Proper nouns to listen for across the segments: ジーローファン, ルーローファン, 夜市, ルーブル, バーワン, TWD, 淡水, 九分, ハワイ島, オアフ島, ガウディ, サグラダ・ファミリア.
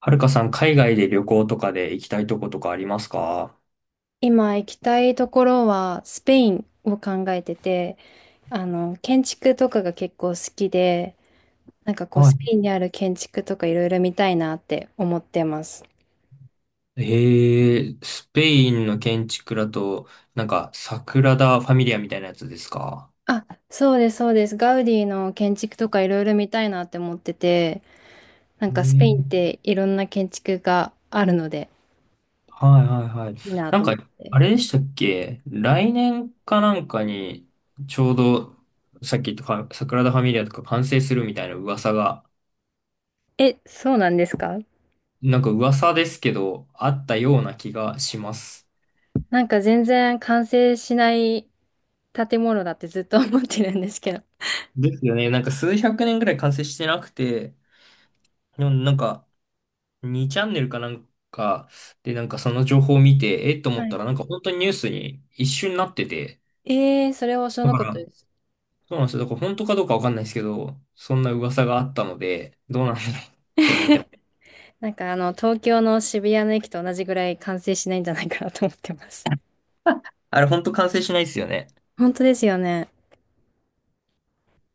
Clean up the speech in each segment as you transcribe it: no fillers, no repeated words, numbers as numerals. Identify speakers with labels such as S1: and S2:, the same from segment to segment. S1: はるかさん、海外で旅行とかで行きたいとことかありますか？
S2: 今行きたいところはスペインを考えてて、建築とかが結構好きで、なんかこう
S1: は
S2: スペ
S1: い。
S2: インにある建築とかいろいろ見たいなって思ってます。
S1: スペインの建築だと、サグラダ・ファミリアみたいなやつですか？
S2: あ、そうです、そうです。ガウディの建築とかいろいろ見たいなって思ってて、なんかスペインっ
S1: ね
S2: ていろんな建築があるので
S1: はいはいはい。
S2: いいな
S1: なん
S2: と思
S1: か、
S2: って。
S1: あれでしたっけ来年かなんかに、ちょうど、さっき言ったかサグラダ・ファミリアとか完成するみたいな噂が、
S2: え、そうなんですか？
S1: なんか噂ですけど、あったような気がします。
S2: なんか全然完成しない建物だってずっと思ってるんですけど。
S1: ですよね。なんか数百年ぐらい完成してなくて、でもなんか、2チャンネルかなんかでなんかその情報を見て、えっと思
S2: は
S1: った
S2: い。
S1: らなんか本当にニュースに一瞬なってて、
S2: それは知ら
S1: だ
S2: な
S1: か
S2: かったで
S1: ら、
S2: す。
S1: そうなんですよ。だから本当かどうかわかんないですけど、そんな噂があったので、どうなんだろう。
S2: なんか東京の渋谷の駅と同じぐらい完成しないんじゃないかなと思ってます。
S1: あれ本当完成しないですよね。
S2: 本当ですよね。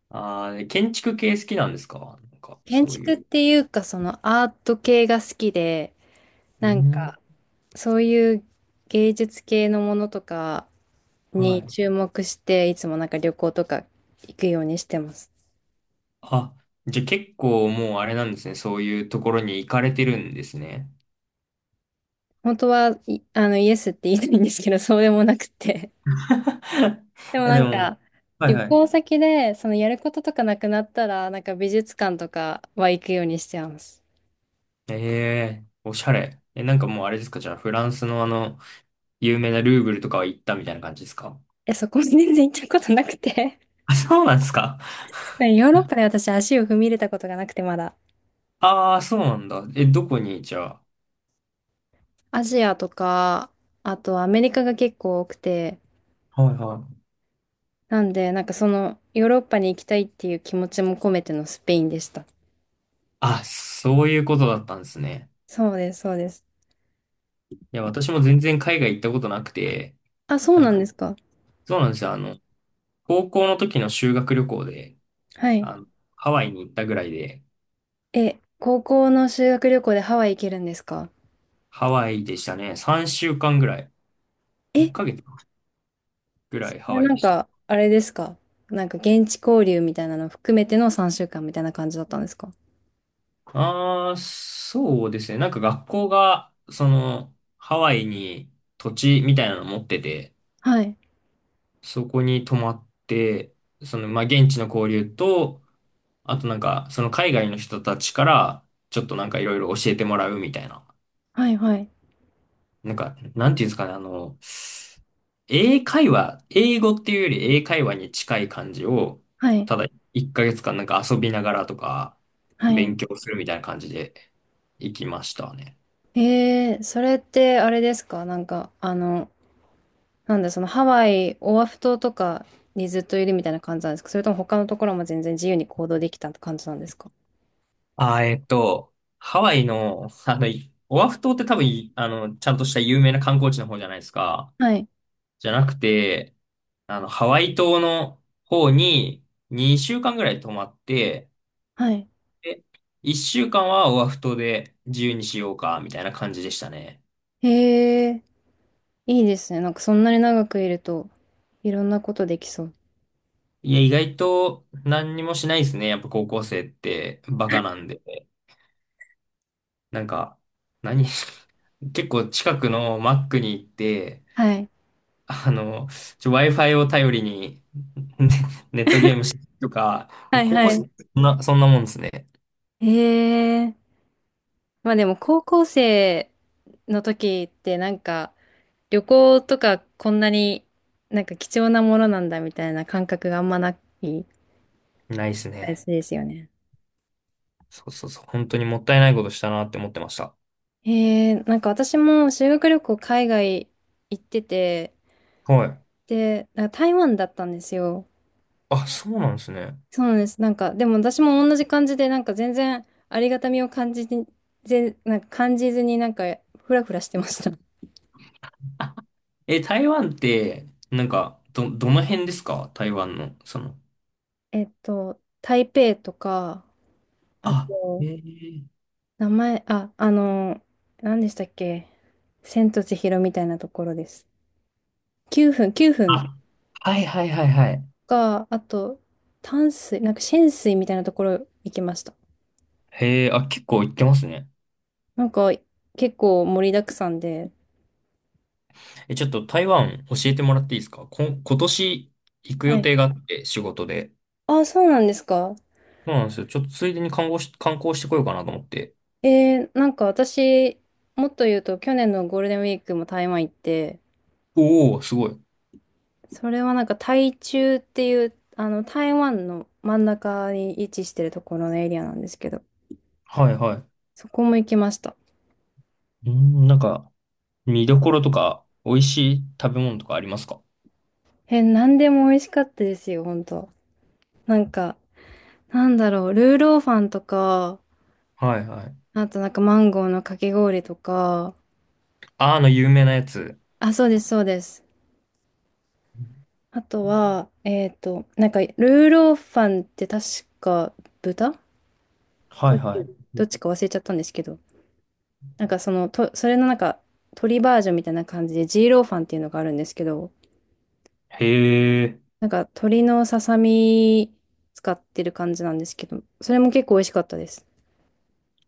S1: ああ、建築系好きなんですか？なんか
S2: 建
S1: そうい
S2: 築っ
S1: う。
S2: ていうか、そのアート系が好きで、
S1: う
S2: なん
S1: ん。
S2: か、そういう芸術系のものとか
S1: は
S2: に
S1: い。
S2: 注目して、いつもなんか旅行とか行くようにしてます。
S1: あ、じゃあ結構もうあれなんですね。そういうところに行かれてるんですね。
S2: 本当は、イエスって言いたいんですけど、そうでもなくて。
S1: い
S2: でも
S1: や
S2: な
S1: で
S2: ん
S1: も、
S2: か、
S1: はい
S2: 旅
S1: はい。
S2: 行先で、そのやることとかなくなったら、なんか美術館とかは行くようにしてます。
S1: ええおしゃれ。え、なんかもうあれですか、じゃあ、フランスの有名なルーブルとかは行ったみたいな感じですか？
S2: え、そこに全然行ったことなくて。
S1: あ、そうなんですか？
S2: ヨーロッパで私足を踏み入れたことがなくてまだ。
S1: ああそうなんだ。え、どこにじゃあ。
S2: アジアとか、あとアメリカが結構多くて、
S1: はいはい。
S2: なんで、なんかその、ヨーロッパに行きたいっていう気持ちも込めてのスペインでした。
S1: あ、そういうことだったんですね。
S2: そうです、そうです。
S1: いや、私も全然海外行ったことなくて、
S2: あ、そう
S1: なん
S2: な
S1: か、
S2: んですか。
S1: そうなんですよ。あの、高校の時の修学旅行で、
S2: はい。
S1: あの、ハワイに行ったぐらいで、
S2: え、高校の修学旅行でハワイ行けるんですか？
S1: ハワイでしたね。3週間ぐらい。1
S2: え、
S1: ヶ月ぐら
S2: そ
S1: いハ
S2: れ
S1: ワイ
S2: な
S1: で
S2: ん
S1: した。
S2: か、あれですか？なんか現地交流みたいなの含めての3週間みたいな感じだったんですか？
S1: ああ、そうですね。なんか学校が、その、ハワイに土地みたいなの持ってて、
S2: はい。
S1: そこに泊まって、その、まあ、現地の交流と、あとなんか、その海外の人たちから、ちょっとなんかいろいろ教えてもらうみたいな。
S2: はい、はい。
S1: なんか、なんていうんですかね、あの、英会話、英語っていうより英会話に近い感じを、
S2: はい。
S1: ただ1ヶ月間なんか遊びながらとか、
S2: はい。
S1: 勉強するみたいな感じで行きましたね。
S2: それってあれですか？なんか、なんだ、そのハワイ、オアフ島とかにずっといるみたいな感じなんですか？それとも他のところも全然自由に行動できた感じなんですか？
S1: あー、えっと、ハワイの、あの、い、オアフ島って多分い、あの、ちゃんとした有名な観光地の方じゃないですか。
S2: はい。
S1: じゃなくて、あの、ハワイ島の方に2週間ぐらい泊まって、
S2: はい。
S1: で、1週間はオアフ島で自由にしようか、みたいな感じでしたね。
S2: へえー、いいですね。なんかそんなに長くいると、いろんなことできそう。
S1: いや、意外と何にもしないですね。やっぱ高校生ってバカなんで。なんか、何 結構近くのマックに行って、
S2: はい。
S1: あの、ちょ、 Wi-Fi を頼りにね、ネットゲームしてとか、
S2: はい
S1: 高
S2: は
S1: 校生、
S2: い。
S1: そんな、そんなもんですね。
S2: へえー、まあでも高校生の時ってなんか、旅行とかこんなになんか貴重なものなんだみたいな感覚があんまない
S1: ないですね。
S2: ですよね。
S1: そうそうそう。本当にもったいないことしたなって思ってました。
S2: なんか私も修学旅行海外行ってて、
S1: はい。
S2: で、なんか台湾だったんですよ。
S1: あ、そうなんですね。
S2: そうなんです。なんか、でも私も同じ感じで、なんか全然ありがたみを感じて、なんか感じずになんかフラフラしてました。
S1: え、台湾って、なんか、ど、どの辺ですか？台湾の、その。
S2: 台北とか、あ
S1: あ、へ
S2: と、
S1: え。
S2: 名前、あ、何でしたっけ？千と千尋みたいなところです。九分、九分
S1: あ、はいはいはいはい。
S2: か、あと、淡水、なんか浅水みたいなところ行きました。
S1: へえ、あ、結構行ってますね。
S2: なんか結構盛りだくさんで。
S1: え、ちょっと台湾教えてもらっていいですか？こ、今年行く
S2: は
S1: 予
S2: い。
S1: 定があって、仕事で。
S2: あそうなんですか。
S1: そうなんですよ。ちょっとついでに観光し、観光してこようかなと思って。
S2: なんか私、もっと言うと去年のゴールデンウィークも台湾行って、
S1: おお、すごい。
S2: それはなんか台中っていう、あの台湾の真ん中に位置してるところのエリアなんですけど、
S1: はいは
S2: そこも行きました。
S1: い。うん、なんか、見どころとか、美味しい食べ物とかありますか？
S2: えなんでも美味しかったですよ、本当。なんか、なんだろう、ルーローファンとか、
S1: はいはい。
S2: あとなんかマンゴーのかき氷とか、
S1: あーの有名なやつ。
S2: あ、そうです、そうです。あとは、なんか、ーローファンって確か豚か
S1: はい
S2: 牛
S1: は
S2: どっちか忘れちゃったんですけど、なんかその、それのなんか、鶏バージョンみたいな感じで、ジーローファンっていうのがあるんですけど、
S1: い。へえ。
S2: なんか、鶏のささみ使ってる感じなんですけど、それも結構美味しかったです。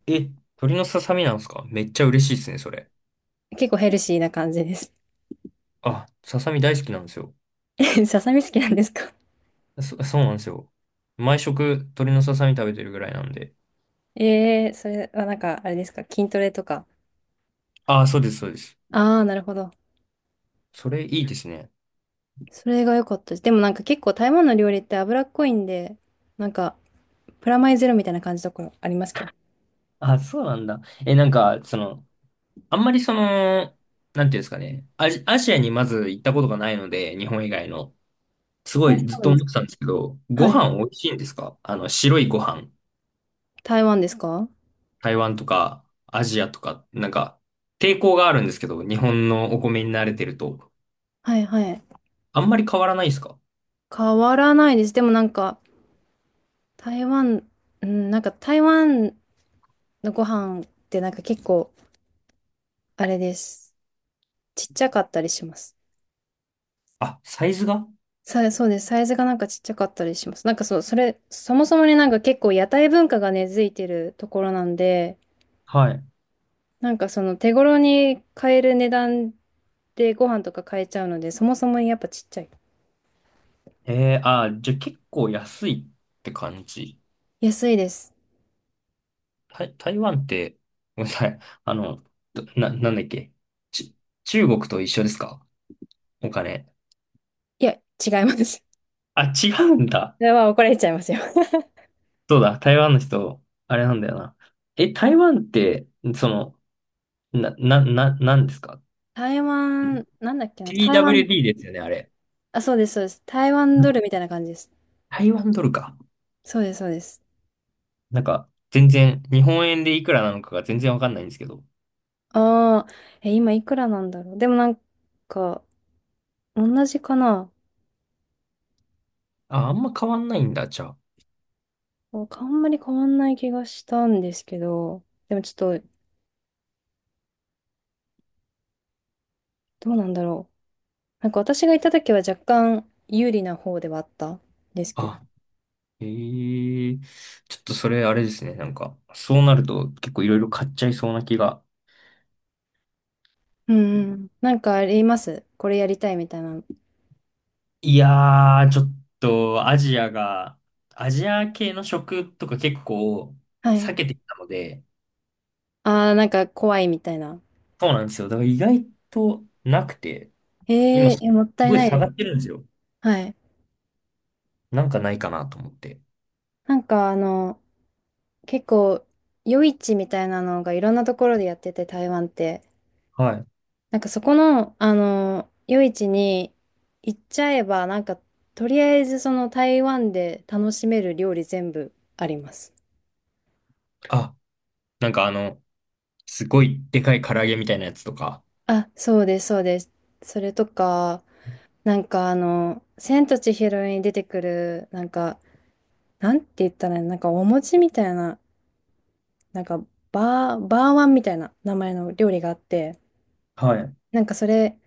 S1: え、鳥のささみなんですか？めっちゃ嬉しいですね、それ。
S2: 結構ヘルシーな感じです。
S1: あ、ささみ大好きなんですよ。
S2: えささみ好きなんですか？
S1: そ、そうなんですよ。毎食鳥のささみ食べてるぐらいなんで。
S2: え。 それはなんか、あれですか、筋トレとか。
S1: あー、そうです、そうです。
S2: ああ、なるほど。
S1: それいいですね。
S2: それが良かったです。でもなんか結構台湾の料理って脂っこいんで、なんか、プラマイゼロみたいな感じのところありますけど。
S1: あ、そうなんだ。え、なんか、その、あんまりその、なんていうんですかね。アジ、アジアにまず行ったことがないので、日本以外の。すご
S2: え、
S1: い
S2: そ
S1: ずっ
S2: う
S1: と
S2: なんです
S1: 思っ
S2: か。
S1: てたんですけど、ご
S2: はい。
S1: 飯美味しいんですか？あの、白いご飯。
S2: 台湾ですか？
S1: 台湾とかアジアとか、なんか抵抗があるんですけど、日本のお米に慣れてると、
S2: はいはい。
S1: あんまり変わらないですか？
S2: 変わらないです。でもなんか、台湾、うん、なんか台湾のご飯ってなんか結構、あれです。ちっちゃかったりします。
S1: あ、サイズが、
S2: そうです。サイズがなんかちっちゃかったりします。なんかそう、それ、そもそもね、なんか結構屋台文化が根付いてるところなんで、
S1: はい。
S2: なんかその手頃に買える値段でご飯とか買えちゃうので、そもそもやっぱちっちゃい。
S1: えー、あー、じゃあ結構安いって感じ。
S2: 安いです。
S1: 台、台湾って、ごめんなさい。あの、どな、なんだっけ。ち、中国と一緒ですか？お金。
S2: いや、違います。
S1: あ、違うんだ。
S2: それは怒られちゃいますよ。
S1: そうだ、台湾の人、あれなんだよな。え、台湾って、その、な、な、な、なんですか
S2: 台湾、なんだっけな、台湾、
S1: ?TWD ですよね、あれ。
S2: あ、そうです、そうです。台湾ドルみたいな感じです。
S1: 台湾ドルか。
S2: そうです、そうです。
S1: なんか、全然、日本円でいくらなのかが全然わかんないんですけど。
S2: ああ、え、今いくらなんだろう。でもなんか、同じかな。
S1: あ、あんま変わんないんだ、じゃあ。
S2: なんかあんまり変わんない気がしたんですけど、でもちょっと、どうなんだろう。なんか私が行った時は若干有利な方ではあったんですけど。
S1: あ、へえ、ちょっとそれあれですね。なんか、そうなると結構いろいろ買っちゃいそうな気が。
S2: うんうん。なんかありますこれやりたいみたいな。
S1: いやー、ちょっとアジアが、アジア系の食とか結構
S2: はい。
S1: 避けてきたので、
S2: ああ、なんか怖いみたいな。
S1: そうなんですよ。だから意外となくて、今
S2: ええ、い
S1: す
S2: やもったい
S1: ごい
S2: ない
S1: 下
S2: で
S1: が
S2: す。
S1: ってるんですよ。
S2: はい。
S1: なんかないかなと思って。
S2: なんか結構、夜市みたいなのがいろんなところでやってて、台湾って。
S1: はい。
S2: なんかそこの、夜市に行っちゃえば、なんか、とりあえずその台湾で楽しめる料理全部あります。
S1: あ、なんかあの、すごいでかい唐揚げみたいなやつとか。
S2: あ、そうです、そうです。それとか、なんか千と千尋に出てくる、なんか、なんて言ったらいいの、なんかお餅みたいな、なんか、バーワンみたいな名前の料理があって、
S1: はい。
S2: なんかそれ、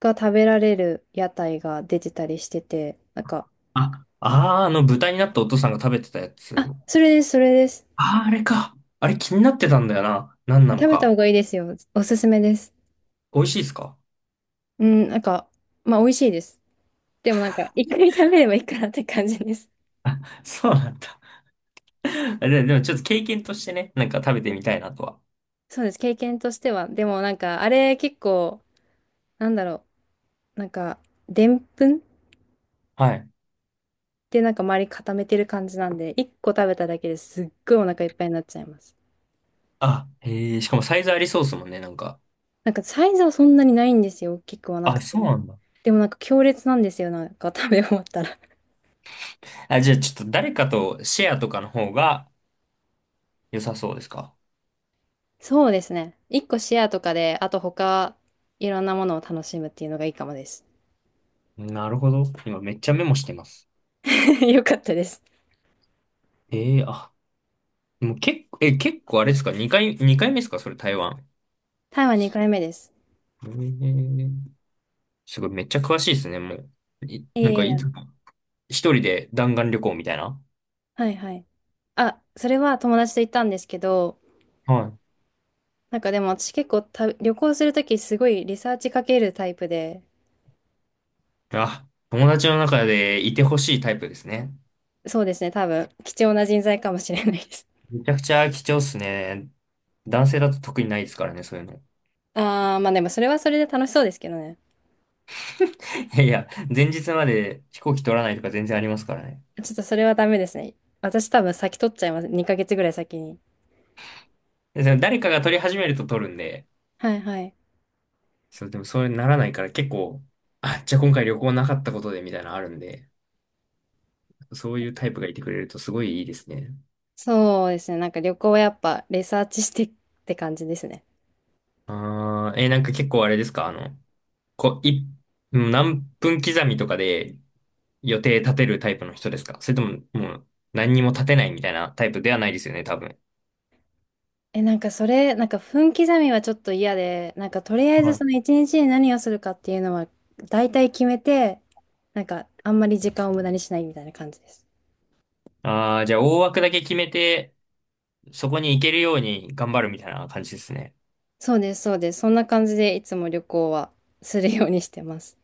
S2: が食べられる屋台が出てたりしてて、なんか、
S1: あ、あー、あの豚になったお父さんが食べてたや
S2: あ、
S1: つ。
S2: それです、それです。
S1: あー、あれか。あれ気になってたんだよな。何なの
S2: 食べた方
S1: か。
S2: がいいですよ。おすすめです。
S1: 美味しいですか？
S2: うん、なんか、まあ、美味しいです。でもなんか、一回食べればいいかなって感じです。
S1: そうなんだ。で、でもちょっと経験としてね、なんか食べてみたいなとは。
S2: そうです、経験としては。でもなんか、あれ結構、なんだろう、なんか、でんぷんっ
S1: はい。
S2: てなんか周り固めてる感じなんで、一個食べただけですっごいお腹いっぱいになっちゃいます。
S1: あ、へえ、しかもサイズありそうですもんね、なんか。
S2: なんか、サイズはそんなにないんですよ。大きくはなく
S1: あ、
S2: て。
S1: そうなんだ。
S2: でもなんか強烈なんですよ、なんか食べ終わったら。
S1: あ、じゃあちょっと誰かとシェアとかの方が良さそうですか？
S2: そうですね。一個シェアとかで、あと他、いろんなものを楽しむっていうのがいいかもです。
S1: なるほど。今めっちゃメモしてます。
S2: よかったです。
S1: ええ、あ、でも結構、え、結構あれですか ?2 回、二回目ですか？それ台湾。
S2: 台湾2回目です。
S1: えー、すごい、めっちゃ詳しいですね、もう。い、
S2: いえ
S1: なんか、
S2: い
S1: い
S2: え、
S1: つも、一人で弾丸旅行みたいな。
S2: はいはい。あ、それは友達と行ったんですけど、
S1: はい、
S2: なんかでも私結構旅行するときすごいリサーチかけるタイプで、
S1: あ、友達の中でいてほしいタイプですね。
S2: そうですね、多分貴重な人材かもしれないです。
S1: めちゃくちゃ貴重っすね。男性だと特にないですからね、そういうの。
S2: あー、まあでもそれはそれで楽しそうですけどね。
S1: いやいや、前日まで飛行機取らないとか全然ありますからね。
S2: ちょっとそれはダメですね。私多分先取っちゃいます。2ヶ月ぐらい先に。
S1: で、その誰かが取り始めると取るんで、
S2: はいはい。
S1: そう、でもそうならないから結構、あ、じゃあ今回旅行なかったことでみたいなのあるんで、そういうタイプがいてくれるとすごいいいですね。
S2: そうですね。なんか旅行はやっぱレサーチしてって感じですね。
S1: あー、えー、なんか結構あれですか、あの、こう、い、うん、何分刻みとかで予定立てるタイプの人ですか？それとも、もう何にも立てないみたいなタイプではないですよね、多分。
S2: え、なんかそれ、なんか分刻みはちょっと嫌で、なんかとりあえず
S1: は
S2: そ
S1: い。
S2: の一日に何をするかっていうのは大体決めて、なんかあんまり時間を無駄にしないみたいな感じです。
S1: ああ、じゃあ大枠だけ決めて、そこに行けるように頑張るみたいな感じですね。
S2: そうです、そうです。そんな感じでいつも旅行はするようにしてます。